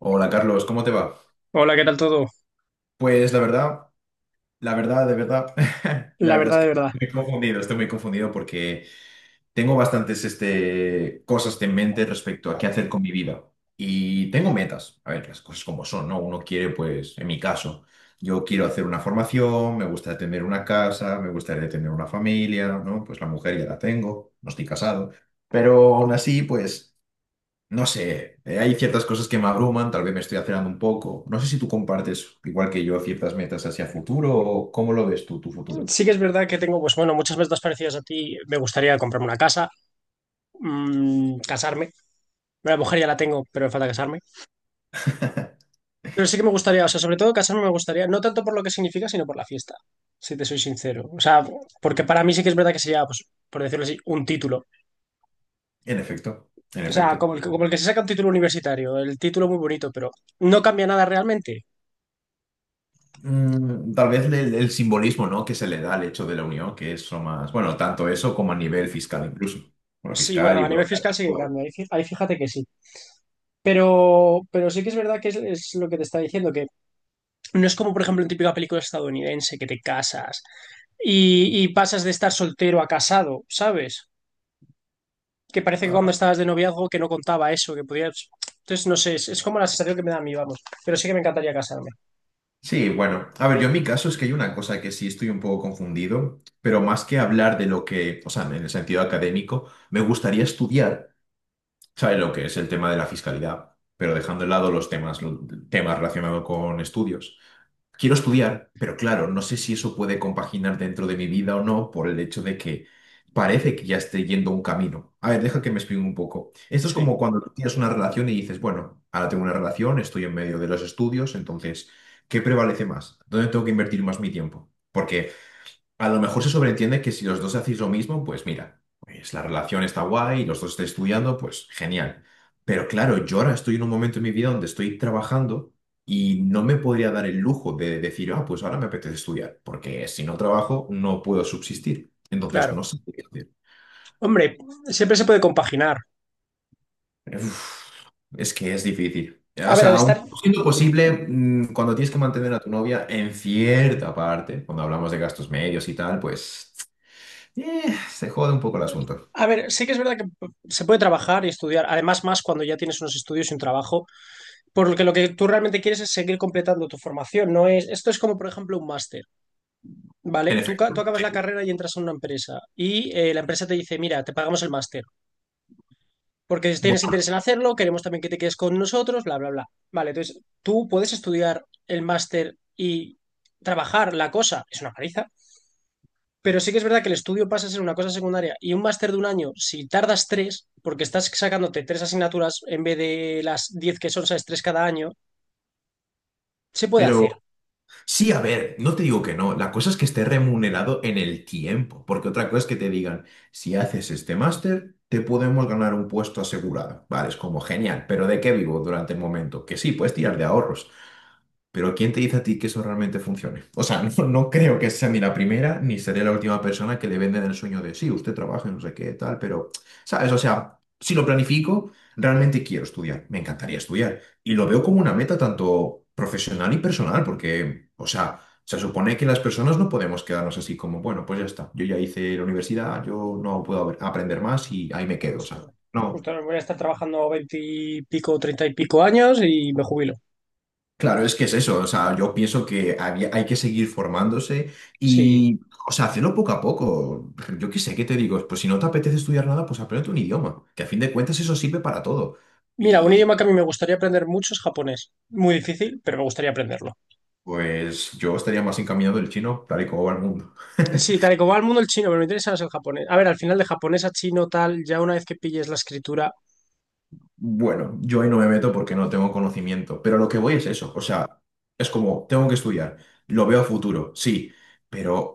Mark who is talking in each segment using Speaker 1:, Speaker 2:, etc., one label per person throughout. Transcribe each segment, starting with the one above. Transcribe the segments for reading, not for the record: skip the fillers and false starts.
Speaker 1: Hola Carlos, ¿cómo te va?
Speaker 2: Hola, ¿qué tal todo?
Speaker 1: Pues la verdad, la verdad, de verdad, la
Speaker 2: La
Speaker 1: verdad es
Speaker 2: verdad, de
Speaker 1: que
Speaker 2: verdad.
Speaker 1: estoy confundido, estoy muy confundido porque tengo bastantes cosas en mente respecto a qué hacer con mi vida y tengo metas, a ver, las cosas como son, ¿no? Uno quiere, pues, en mi caso, yo quiero hacer una formación, me gustaría tener una casa, me gustaría tener una familia, ¿no? Pues la mujer ya la tengo, no estoy casado, pero aún así, pues... No sé, hay ciertas cosas que me abruman, tal vez me estoy acelerando un poco. No sé si tú compartes, igual que yo, ciertas metas hacia futuro o cómo lo ves tú, tu futuro.
Speaker 2: Sí que es verdad que tengo, pues bueno, muchas metas parecidas a ti. Me gustaría comprarme una casa, casarme. Bueno, la mujer ya la tengo, pero me falta casarme. Pero sí que me gustaría, o sea, sobre todo casarme me gustaría, no tanto por lo que significa, sino por la fiesta, si te soy sincero. O sea, porque para mí sí que es verdad que sería, pues, por decirlo así, un título.
Speaker 1: En efecto, en
Speaker 2: O sea, como
Speaker 1: efecto.
Speaker 2: como el que se saca un título universitario, el título muy bonito, pero no cambia nada realmente.
Speaker 1: Tal vez el simbolismo, ¿no? que se le da al hecho de la unión, que es lo más, bueno, tanto eso como a nivel fiscal incluso. Bueno,
Speaker 2: Sí,
Speaker 1: fiscal
Speaker 2: bueno,
Speaker 1: y
Speaker 2: a nivel fiscal sí que
Speaker 1: burocrático.
Speaker 2: cambia, ahí fíjate que sí. Pero sí que es verdad que es lo que te está diciendo. No es como, por ejemplo, en típica película estadounidense que te casas y pasas de estar soltero a casado, ¿sabes? Que parece que cuando
Speaker 1: Ah,
Speaker 2: estabas de noviazgo que no contaba eso, que podías... Entonces, no sé, es como la sensación que me da a mí, vamos. Pero sí que me encantaría casarme.
Speaker 1: sí, bueno, a ver, yo en mi caso es que hay una cosa que sí estoy un poco confundido, pero más que hablar de lo que, o sea, en el sentido académico, me gustaría estudiar. Sabe lo que es el tema de la fiscalidad, pero dejando de lado los temas relacionados con estudios. Quiero estudiar, pero claro, no sé si eso puede compaginar dentro de mi vida o no por el hecho de que parece que ya esté yendo un camino. A ver, deja que me explique un poco. Esto es
Speaker 2: Sí,
Speaker 1: como cuando tú tienes una relación y dices, bueno, ahora tengo una relación, estoy en medio de los estudios, entonces, ¿qué prevalece más? ¿Dónde tengo que invertir más mi tiempo? Porque a lo mejor se sobreentiende que si los dos hacéis lo mismo, pues mira, pues la relación está guay, los dos estáis estudiando, pues genial. Pero claro, yo ahora estoy en un momento en mi vida donde estoy trabajando y no me podría dar el lujo de decir, ah, pues ahora me apetece estudiar, porque si no trabajo no puedo subsistir. Entonces no
Speaker 2: claro.
Speaker 1: sé qué hacer.
Speaker 2: Hombre, siempre se puede compaginar.
Speaker 1: Uf, es que es difícil.
Speaker 2: A
Speaker 1: O
Speaker 2: ver, al
Speaker 1: sea,
Speaker 2: estar...
Speaker 1: aun siendo posible, cuando tienes que mantener a tu novia en cierta parte, cuando hablamos de gastos medios y tal, pues se jode un poco el asunto.
Speaker 2: A ver, sí que es verdad que se puede trabajar y estudiar, además más cuando ya tienes unos estudios y un trabajo, porque lo que tú realmente quieres es seguir completando tu formación, no es... Esto es como, por ejemplo, un máster. Vale,
Speaker 1: En
Speaker 2: tú
Speaker 1: efecto,
Speaker 2: acabas la
Speaker 1: sí.
Speaker 2: carrera y entras a una empresa y la empresa te dice, mira, te pagamos el máster, porque si tienes
Speaker 1: Bueno,
Speaker 2: interés en hacerlo, queremos también que te quedes con nosotros, bla, bla, bla. Vale, entonces tú puedes estudiar el máster y trabajar. La cosa es una paliza, pero sí que es verdad que el estudio pasa a ser una cosa secundaria y un máster de un año, si tardas tres, porque estás sacándote tres asignaturas en vez de las diez que son, sabes, tres cada año, se puede hacer.
Speaker 1: pero sí, a ver, no te digo que no. La cosa es que esté remunerado en el tiempo, porque otra cosa es que te digan, si haces este máster, te podemos ganar un puesto asegurado. Vale, es como genial, pero ¿de qué vivo durante el momento? Que sí, puedes tirar de ahorros, pero ¿quién te dice a ti que eso realmente funcione? O sea, no, no creo que sea ni la primera ni seré la última persona que le venden el sueño de, sí, usted trabaja en no sé qué, tal, pero, ¿sabes? O sea, si lo planifico, realmente quiero estudiar, me encantaría estudiar. Y lo veo como una meta tanto profesional y personal, porque, o sea, se supone que las personas no podemos quedarnos así como, bueno, pues ya está, yo ya hice la universidad, yo no puedo aprender más y ahí me quedo, o
Speaker 2: Justo,
Speaker 1: sea, no.
Speaker 2: justo voy a estar trabajando veinte y pico treinta y pico años y me jubilo.
Speaker 1: Claro, es que es eso, o sea, yo pienso que hay que seguir formándose
Speaker 2: Sí.
Speaker 1: y, o sea, hacerlo poco a poco. Yo qué sé, ¿qué te digo? Pues si no te apetece estudiar nada, pues aprende un idioma, que a fin de cuentas eso sirve para todo.
Speaker 2: Mira, un
Speaker 1: Y
Speaker 2: idioma que a mí me gustaría aprender mucho es japonés. Muy difícil, pero me gustaría aprenderlo.
Speaker 1: pues yo estaría más encaminado del chino, tal y como va el mundo.
Speaker 2: Sí, tal y como va el mundo el chino, pero me interesa más el japonés. A ver, al final de japonés a chino tal, ya una vez que pilles la escritura,
Speaker 1: Bueno, yo ahí no me meto porque no tengo conocimiento, pero lo que voy es eso, o sea, es como, tengo que estudiar, lo veo a futuro, sí, pero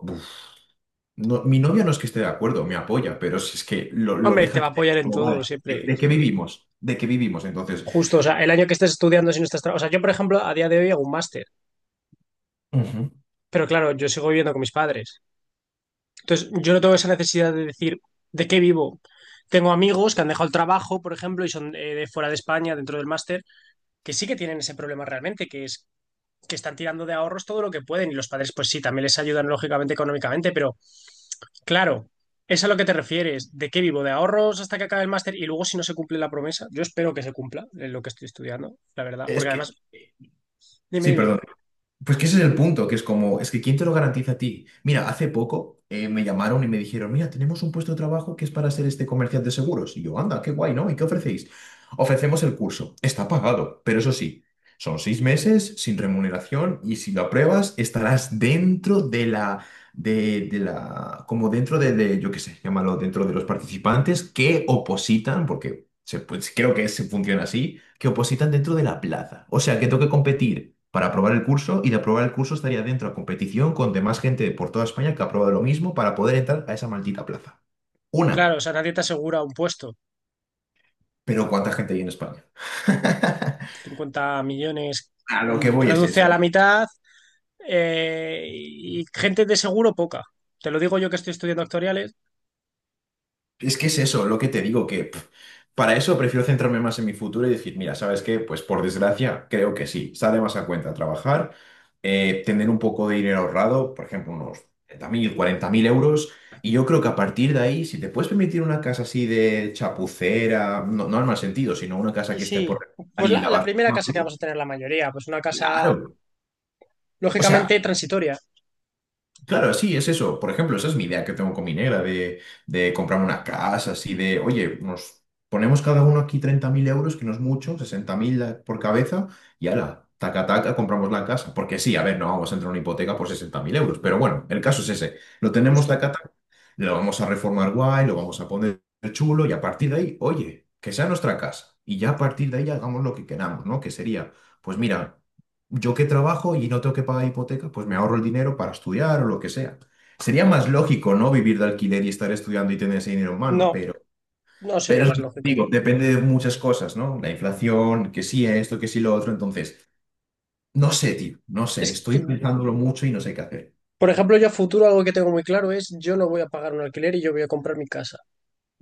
Speaker 1: no, mi novia no es que esté de acuerdo, me apoya, pero si es que lo
Speaker 2: hombre, te
Speaker 1: deja
Speaker 2: va a
Speaker 1: caer,
Speaker 2: apoyar en
Speaker 1: como
Speaker 2: todo,
Speaker 1: vale, ¿de,
Speaker 2: siempre,
Speaker 1: de qué
Speaker 2: siempre.
Speaker 1: vivimos? ¿De qué vivimos? Entonces,
Speaker 2: Justo, o sea, el año que estés estudiando si no estás... O sea, yo, por ejemplo, a día de hoy hago un máster,
Speaker 1: ujú,
Speaker 2: pero claro, yo sigo viviendo con mis padres. Entonces, yo no tengo esa necesidad de decir, ¿de qué vivo? Tengo amigos que han dejado el trabajo, por ejemplo, y son de fuera de España, dentro del máster, que sí que tienen ese problema realmente, que es que están tirando de ahorros todo lo que pueden y los padres pues sí, también les ayudan lógicamente económicamente, pero claro, es a lo que te refieres, ¿de qué vivo? ¿De ahorros hasta que acabe el máster y luego si no se cumple la promesa? Yo espero que se cumpla en lo que estoy estudiando, la verdad,
Speaker 1: es
Speaker 2: porque
Speaker 1: que...
Speaker 2: además, dime,
Speaker 1: Sí,
Speaker 2: dime,
Speaker 1: perdón. Pues que ese es el punto, que es como, es que ¿quién te lo garantiza a ti? Mira, hace poco me llamaron y me dijeron, mira, tenemos un puesto de trabajo que es para ser este comercial de seguros. Y yo, anda, qué guay, ¿no? ¿Y qué ofrecéis? Ofrecemos el curso. Está pagado, pero eso sí, son 6 meses sin remuneración y si lo apruebas estarás dentro de como dentro yo qué sé, llámalo, dentro de los participantes que opositan, porque se, pues, creo que se funciona así que opositan dentro de la plaza. O sea, que tengo que competir para aprobar el curso y de aprobar el curso estaría dentro a competición con demás gente por toda España que ha aprobado lo mismo para poder entrar a esa maldita plaza.
Speaker 2: claro,
Speaker 1: Una.
Speaker 2: o sea, nadie te asegura un puesto.
Speaker 1: Pero ¿cuánta gente hay en España?
Speaker 2: Cincuenta millones.
Speaker 1: A lo que voy es
Speaker 2: Reduce a
Speaker 1: eso.
Speaker 2: la mitad y gente de seguro poca. Te lo digo yo que estoy estudiando actuariales.
Speaker 1: Es que es eso, lo que te digo, que pf, para eso prefiero centrarme más en mi futuro y decir, mira, ¿sabes qué? Pues por desgracia, creo que sí, sale más a cuenta trabajar, tener un poco de dinero ahorrado, por ejemplo, unos 30.000 40.000 euros, y yo creo que a partir de ahí, si te puedes permitir una casa así de chapucera, no, no en mal sentido, sino una casa
Speaker 2: Y
Speaker 1: que esté por
Speaker 2: sí,
Speaker 1: remodelar
Speaker 2: pues
Speaker 1: y
Speaker 2: la
Speaker 1: lavar,
Speaker 2: primera casa que vamos a tener la mayoría, pues una casa
Speaker 1: claro. O sea,
Speaker 2: lógicamente transitoria.
Speaker 1: claro, sí, es eso. Por ejemplo, esa es mi idea que tengo con mi negra, de comprar una casa, así de, oye, nos ponemos cada uno aquí 30.000 euros, que no es mucho, 60.000 por cabeza, y ala, taca, taca, compramos la casa. Porque sí, a ver, no vamos a entrar en una hipoteca por 60.000 euros, pero bueno, el caso es ese. Lo tenemos
Speaker 2: Justo.
Speaker 1: taca, taca, lo vamos a reformar guay, lo vamos a poner chulo, y a partir de ahí, oye, que sea nuestra casa. Y ya a partir de ahí hagamos lo que queramos, ¿no? Que sería, pues mira. Yo que trabajo y no tengo que pagar hipoteca, pues me ahorro el dinero para estudiar o lo que sea. Sería más lógico, ¿no? Vivir de alquiler y estar estudiando y tener ese dinero en mano,
Speaker 2: No, no
Speaker 1: pero
Speaker 2: sería
Speaker 1: es
Speaker 2: más
Speaker 1: lo que
Speaker 2: lógico.
Speaker 1: digo, depende de muchas cosas, ¿no? La inflación, que sí esto, que sí lo otro. Entonces, no sé, tío, no sé,
Speaker 2: Es que,
Speaker 1: estoy pensándolo mucho y no sé qué hacer.
Speaker 2: por ejemplo, yo a futuro algo que tengo muy claro es yo no voy a pagar un alquiler y yo voy a comprar mi casa.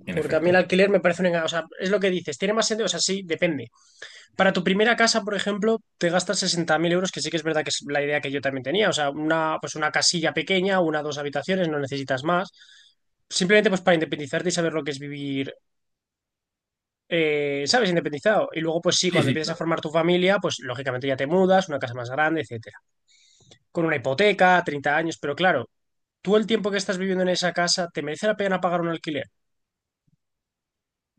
Speaker 1: En
Speaker 2: Porque a mí el
Speaker 1: efecto.
Speaker 2: alquiler me parece un engaño. O sea, es lo que dices, tiene más sentido. O sea, sí, depende. Para tu primera casa, por ejemplo, te gastas 60.000 euros, que sí que es verdad que es la idea que yo también tenía. O sea, pues una casilla pequeña, una, dos habitaciones, no necesitas más. Simplemente pues para independizarte y saber lo que es vivir ¿sabes? Independizado. Y luego, pues sí,
Speaker 1: Sí,
Speaker 2: cuando
Speaker 1: sí.
Speaker 2: empiezas a formar tu familia, pues lógicamente ya te mudas, una casa más grande, etcétera. Con una hipoteca, 30 años, pero claro, tú el tiempo que estás viviendo en esa casa, ¿te merece la pena pagar un alquiler?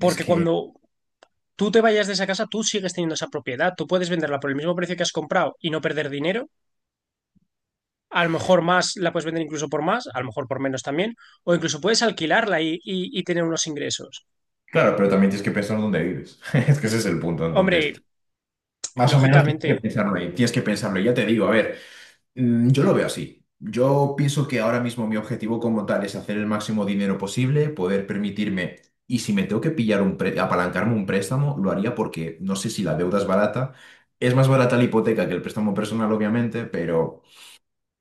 Speaker 1: Es
Speaker 2: Porque
Speaker 1: que,
Speaker 2: cuando tú te vayas de esa casa, tú sigues teniendo esa propiedad, tú puedes venderla por el mismo precio que has comprado y no perder dinero. A lo mejor más, la puedes vender incluso por más, a lo mejor por menos también, o incluso puedes alquilarla y tener unos ingresos.
Speaker 1: claro, pero también tienes que pensar dónde vives. Es que ese es el punto. Entonces,
Speaker 2: Hombre,
Speaker 1: más o menos tienes que
Speaker 2: lógicamente.
Speaker 1: pensarlo ahí, tienes que pensarlo. Y ya te digo, a ver. Yo lo veo así. Yo pienso que ahora mismo mi objetivo como tal es hacer el máximo dinero posible, poder permitirme, y si me tengo que pillar un apalancarme un préstamo, lo haría porque no sé si la deuda es barata. Es más barata la hipoteca que el préstamo personal, obviamente, pero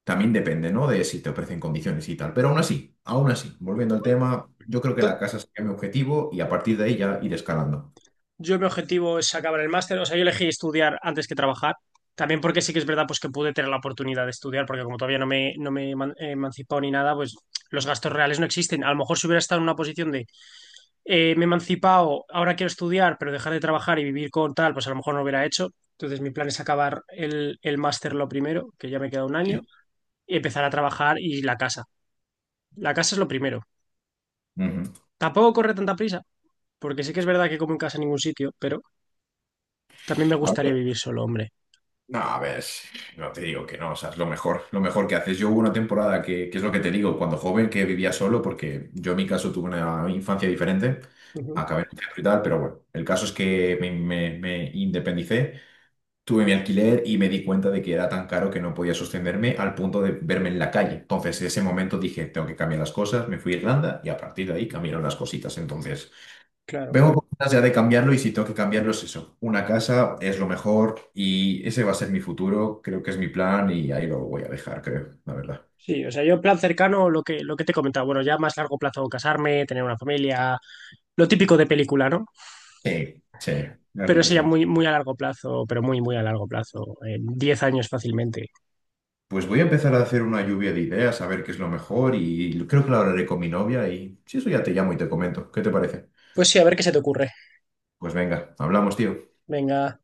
Speaker 1: también depende, ¿no? De si te ofrecen condiciones y tal. Pero aún así, volviendo al tema, yo creo que la
Speaker 2: to-
Speaker 1: casa sería mi objetivo y a partir de ahí ya ir escalando.
Speaker 2: Yo mi objetivo es acabar el máster, o sea, yo elegí estudiar antes que trabajar, también porque sí que es verdad pues que pude tener la oportunidad de estudiar, porque como todavía no me he he emancipado ni nada, pues los gastos reales no existen. A lo mejor si hubiera estado en una posición de me he emancipado, ahora quiero estudiar, pero dejar de trabajar y vivir con tal, pues a lo mejor no lo hubiera hecho. Entonces mi plan es acabar el máster lo primero, que ya me queda un año,
Speaker 1: Sí.
Speaker 2: y empezar a trabajar y la casa. La casa es lo primero.
Speaker 1: Ujú.
Speaker 2: Tampoco corre tanta prisa, porque sí que es verdad que como en casa en ningún sitio, pero también me
Speaker 1: A
Speaker 2: gustaría
Speaker 1: ver,
Speaker 2: vivir solo, hombre.
Speaker 1: no, a ver, no te digo que no, o sea, es lo mejor que haces. Yo hubo una temporada que es lo que te digo, cuando joven que vivía solo, porque yo en mi caso tuve una infancia diferente, acabé en un centro y tal, pero bueno, el caso es que me, me independicé, tuve mi alquiler y me di cuenta de que era tan caro que no podía sostenerme al punto de verme en la calle. Entonces, en ese momento dije, tengo que cambiar las cosas, me fui a Irlanda y a partir de ahí cambiaron las cositas. Entonces...
Speaker 2: Claro.
Speaker 1: Vengo con ganas ya de cambiarlo y si tengo que cambiarlo es eso. Una casa es lo mejor y ese va a ser mi futuro, creo que es mi plan y ahí lo voy a dejar, creo, la verdad.
Speaker 2: Sí, o sea, yo en plan cercano, lo que te he comentado. Bueno, ya más largo plazo, casarme, tener una familia, lo típico de película, ¿no?
Speaker 1: Sí, sí, la
Speaker 2: Pero
Speaker 1: verdad que
Speaker 2: eso ya
Speaker 1: sí.
Speaker 2: muy, muy a largo plazo, pero muy, muy a largo plazo, en 10 años fácilmente.
Speaker 1: Pues voy a empezar a hacer una lluvia de ideas, a ver qué es lo mejor y creo que lo hablaré con mi novia y si eso ya te llamo y te comento. ¿Qué te parece?
Speaker 2: Pues sí, a ver qué se te ocurre.
Speaker 1: Pues venga, hablamos, tío.
Speaker 2: Venga.